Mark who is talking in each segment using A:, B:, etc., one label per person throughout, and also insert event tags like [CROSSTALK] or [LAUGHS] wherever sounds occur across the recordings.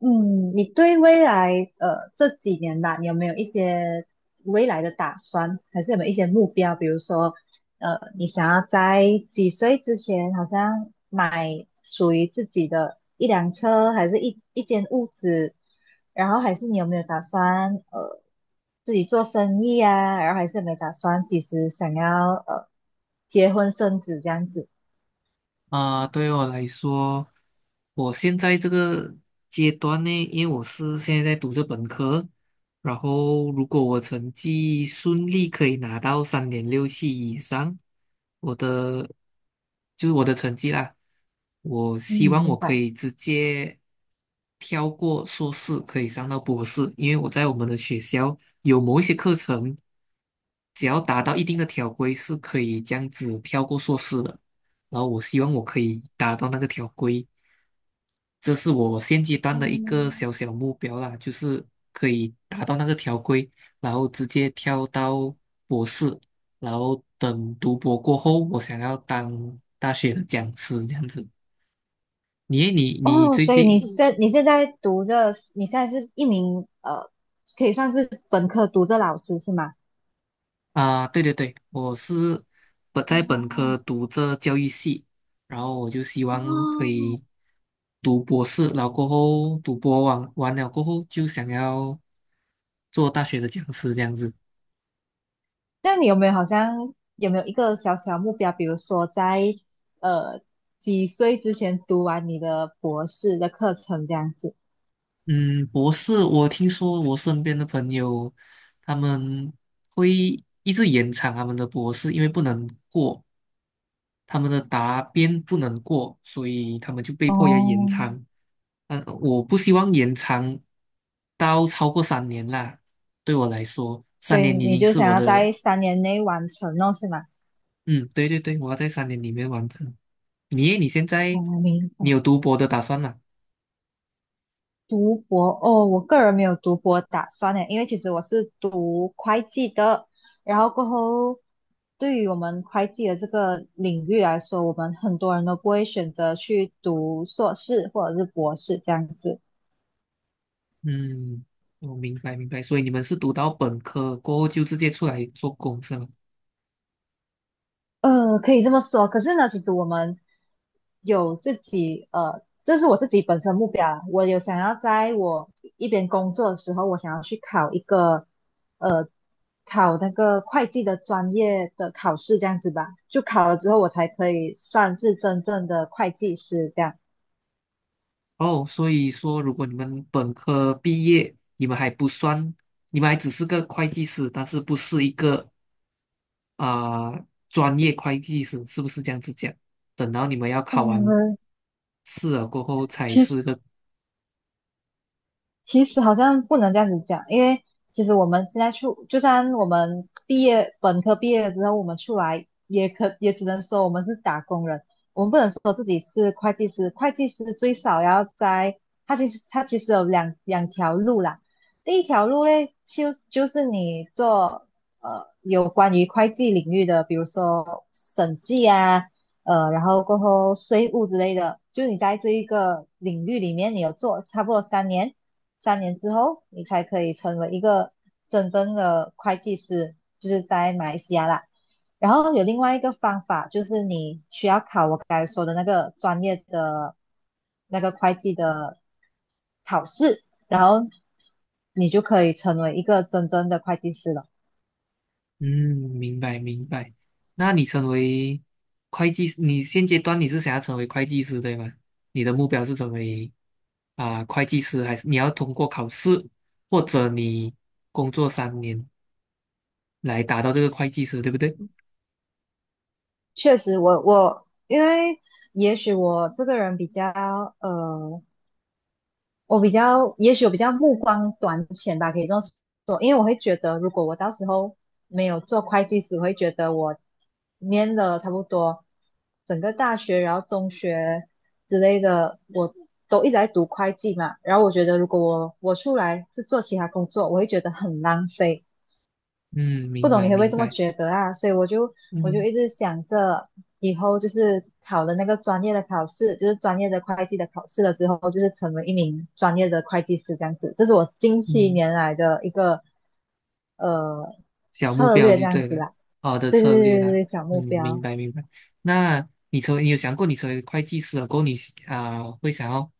A: 嗯，你对未来这几年吧，你有没有一些未来的打算，还是有没有一些目标？比如说，你想要在几岁之前，好像买属于自己的一辆车，还是一间屋子？然后还是你有没有打算自己做生意啊？然后还是有没有打算几时想要结婚生子这样子？
B: 啊，对我来说，我现在这个阶段呢，因为我是现在在读着本科，然后如果我成绩顺利可以拿到3.67以上，我的就是我的成绩啦，我
A: 嗯，
B: 希望
A: 明
B: 我可
A: 白。
B: 以直接跳过硕士，可以上到博士，因为我在我们的学校有某一些课程，只要达到一定的条规，是可以这样子跳过硕士的。然后我希望我可以达到那个条规，这是我现阶段的一个
A: 嗯
B: 小小目标啦，就是可以达到那个条规，然后直接跳到博士，然后等读博过后，我想要当大学的讲师这样子。你诶你你
A: 哦，
B: 最
A: 所以你嗯
B: 近。
A: 现你现在读着，你现在是一名可以算是本科读着老师是吗？
B: 啊，对对对，我是本
A: 哦
B: 在本科读这教育系，然后我就希
A: 哦，
B: 望可以读博士，然后过后读博完了过后就想要做大学的讲师这样子。
A: 那你有没有好像有没有一个小小目标，比如说在呃几岁之前读完你的博士的课程这样子？
B: 嗯，博士，我听说我身边的朋友他们会一直延长他们的博士，因为不能过，他们的答辩不能过，所以他们就被迫要延
A: 哦，
B: 长。嗯，我不希望延长到超过三年啦。对我来说，
A: 所
B: 三
A: 以
B: 年已
A: 你
B: 经
A: 就
B: 是
A: 想
B: 我
A: 要
B: 的，
A: 在三年内完成哦，是吗？
B: 嗯，对对对，我要在三年里面完成。你你现
A: 哦，
B: 在
A: 明
B: 你有
A: 白。
B: 读博的打算吗？
A: 读博哦，我个人没有读博打算呢，因为其实我是读会计的，然后过后，对于我们会计的这个领域来说，我们很多人都不会选择去读硕士或者是博士这样子。
B: 嗯，我明白明白。所以你们是读到本科过后就直接出来做工是吗？
A: 可以这么说。可是呢，其实我们有自己，这是我自己本身目标啊我有想要在我一边工作的时候，我想要去考一个，呃，考那个会计的专业的考试，这样子吧。就考了之后，我才可以算是真正的会计师这样。
B: 哦，所以说如果你们本科毕业，你们还不算，你们还只是个会计师，但是不是一个啊、专业会计师是不是这样子讲？等到你们要考完
A: 嗯，
B: 试了过后才
A: 其实。
B: 是个，
A: 其实好像不能这样子讲，因为其实我们现在出，就算我们本科毕业了之后，我们出来也只能说我们是打工人，我们不能说自己是会计师。会计师最少要在，他其实有两条路啦。第一条路嘞，就是你做有关于会计领域的，比如说审计啊，然后过后税务之类的，就你在这一个领域里面，你有做差不多三年，三年之后你才可以成为一个真正的会计师，就是在马来西亚啦。然后有另外一个方法，就是你需要考我刚才说的那个专业的那个会计的考试，然后你就可以成为一个真正的会计师了。
B: 嗯，明白明白。那你成为会计，你现阶段你是想要成为会计师对吗？你的目标是成为会计师，还是你要通过考试，或者你工作三年来达到这个会计师，对不对？
A: 确实我因为也许我这个人比较呃，也许我比较目光短浅吧，可以这么说。因为我会觉得，如果我到时候没有做会计只会觉得我念了差不多整个大学，然后中学之类的，我都一直在读会计嘛。然后我觉得，如果我出来是做其他工作，我会觉得很浪费。
B: 嗯，
A: 不
B: 明
A: 懂你
B: 白
A: 会不会
B: 明
A: 这么
B: 白。
A: 觉得啊？所以我就
B: 嗯
A: 一直想着，以后就是考了那个专业的考试，就是专业的会计的考试了之后，就是成为一名专业的会计师这样子。这是我近些
B: 嗯。
A: 年来的一个呃
B: 小目
A: 策
B: 标
A: 略这
B: 就
A: 样
B: 对
A: 子
B: 了，
A: 啦。
B: 好的
A: 对对
B: 策略
A: 对对
B: 啦。
A: 对，小
B: 嗯，
A: 目
B: 明
A: 标。
B: 白明白。那你成为你有想过你成为会计师了过后你会想要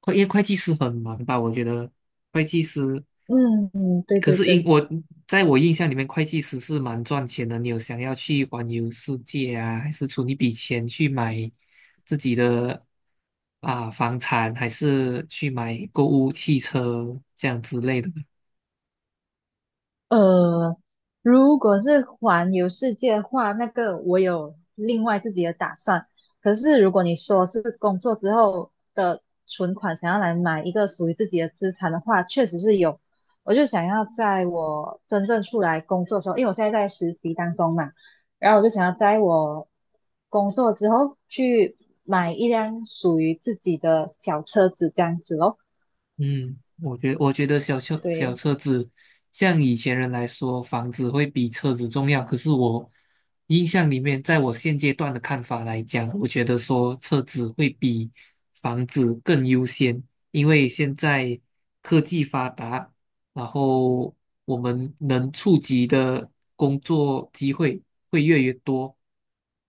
B: 会，因为会计师很忙吧？我觉得会计师，
A: 嗯嗯，对
B: 可
A: 对
B: 是因
A: 对。
B: 我在我印象里面，会计师是蛮赚钱的。你有想要去环游世界啊，还是存一笔钱去买自己的房产，还是去买购物汽车这样之类的？
A: 呃，如果是环游世界的话，那个我有另外自己的打算。可是如果你说是工作之后的存款，想要来买一个属于自己的资产的话，确实是有。我就想要在我真正出来工作的时候，因为我现在在实习当中嘛，然后我就想要在我工作之后去买一辆属于自己的小车子，这样子咯，
B: 嗯，我觉得小车小
A: 对，
B: 车子，像以前人来说，房子会比车子重要。可是我印象里面，在我现阶段的看法来讲，我觉得说车子会比房子更优先，因为现在科技发达，然后我们能触及的工作机会会越来越多。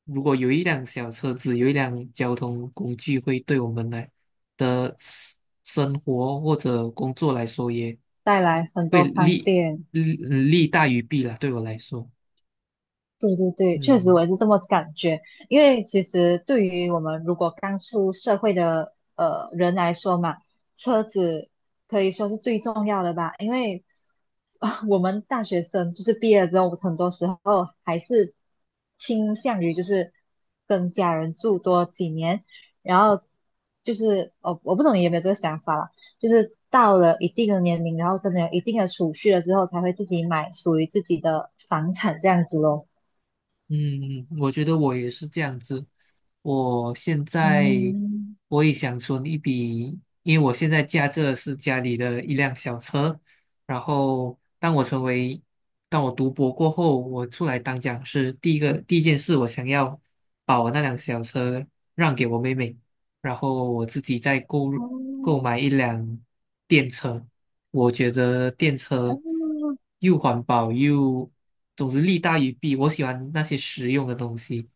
B: 如果有一辆小车子，有一辆交通工具，会对我们来的生活或者工作来说，也
A: 带来很
B: 会
A: 多方
B: 利
A: 便。
B: 利嗯利大于弊啦。对我来说，
A: 对对对，确实我
B: 嗯。
A: 也是这么感觉。因为其实对于我们如果刚出社会的人来说嘛，车子可以说是最重要的吧。因为啊 [LAUGHS] 我们大学生就是毕业了之后，很多时候还是倾向于就是跟家人住多几年，然后就是哦，我不懂你有没有这个想法啦，就是到了一定的年龄，然后真的有一定的储蓄了之后，才会自己买属于自己的房产这样子咯。
B: 嗯，我觉得我也是这样子。我现在
A: 嗯，
B: 我也想存一笔，因为我现在驾着是家里的一辆小车。然后，当我成为，当我读博过后，我出来当讲师，第一件事，我想要把我那辆小车让给我妹妹，然后我自己再购买
A: 哦
B: 一辆电车。我觉得电车又环保又，总之利大于弊。我喜欢那些实用的东西，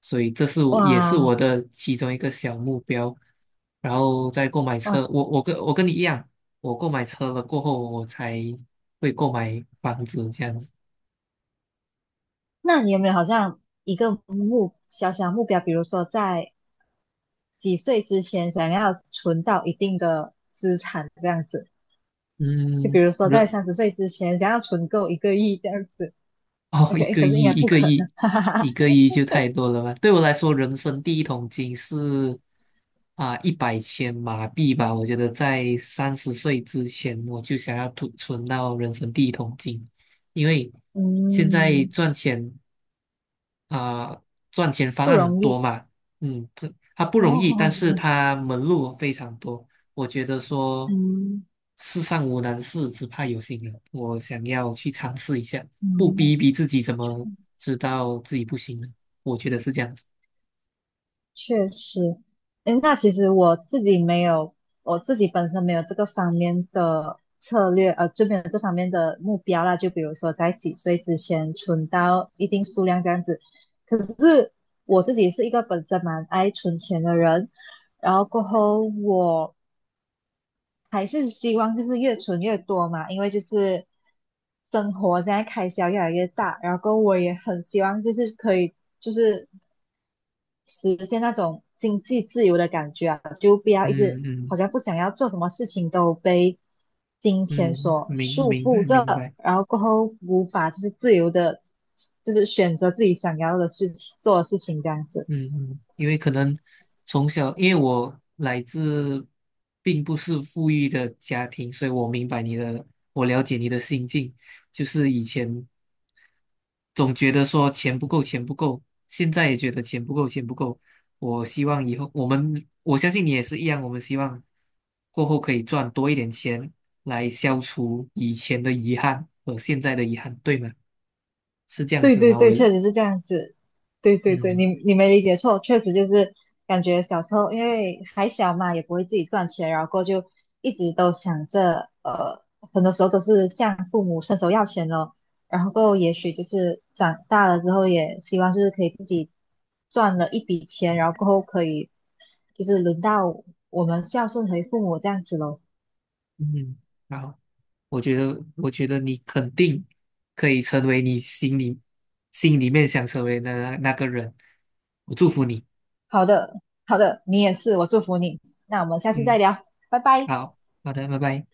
B: 所以这是我也是
A: 哇
B: 我的其中一个小目标。然后再购买
A: 哇，
B: 车，我跟你一样，我购买车了过后，我才会购买房子这样子。
A: 那你有没有好像一个小小目标，比如说在几岁之前想要存到一定的资产这样子？就
B: 嗯，
A: 比如说在
B: 人
A: 30岁之前想要存够1个亿这样子
B: [LAUGHS] 哦，
A: ，OK，可是应该不可能，[LAUGHS] 哈哈哈，
B: 1亿就太多了吧？对我来说，人生第一桶金是啊一百千马币吧。我觉得在30岁之前，我就想要存到人生第一桶金，因为现在
A: 嗯，
B: 赚钱。啊、赚钱方
A: 不
B: 案很
A: 容
B: 多
A: 易
B: 嘛，嗯，这它不容易，但是
A: 哦，
B: 它门路非常多。我觉得
A: 嗯
B: 说
A: 嗯。
B: 世上无难事，只怕有心人。我想要去尝试一下，不逼
A: 嗯
B: 一逼自己，怎么知道自己不行呢？我觉得是这样子。
A: 确实，诶，那其实我自己本身没有这个方面的策略，就没有这方面的目标啦。就比如说在几岁之前存到一定数量这样子。可是我自己是一个本身蛮爱存钱的人，然后过后我还是希望就是越存越多嘛，因为就是生活现在开销越来越大，然后过后我也很希望就是可以就是。实现那种经济自由的感觉啊，就不要一直
B: 嗯
A: 好
B: 嗯
A: 像不想要做什么事情都被金钱
B: 嗯，
A: 所束缚
B: 明
A: 着，
B: 白
A: 然后过后无法就是自由的，就是选择自己想要的事情做的事情这样子。
B: 嗯嗯，因为可能从小，因为我来自并不是富裕的家庭，所以我明白你的，我了解你的心境，就是以前总觉得说钱不够，钱不够，现在也觉得钱不够，钱不够。我希望以后我们，我相信你也是一样，我们希望过后可以赚多一点钱，来消除以前的遗憾和现在的遗憾，对吗？是这样
A: 对
B: 子
A: 对
B: 吗？我，
A: 对，确实是这样子。对对对，
B: 嗯
A: 你没理解错，确实就是感觉小时候因为还小嘛，也不会自己赚钱，然后过后就一直都想着，很多时候都是向父母伸手要钱咯。然后过后也许就是长大了之后，也希望就是可以自己赚了一笔钱，然后过后可以就是轮到我们孝顺回父母这样子咯。
B: 嗯，好，我觉得，我觉得你肯定可以成为你心里面想成为的那个人，我祝福你。
A: 好的，好的，你也是，我祝福你。那我们下次再
B: 嗯，
A: 聊，拜拜。
B: 好，好的，拜拜。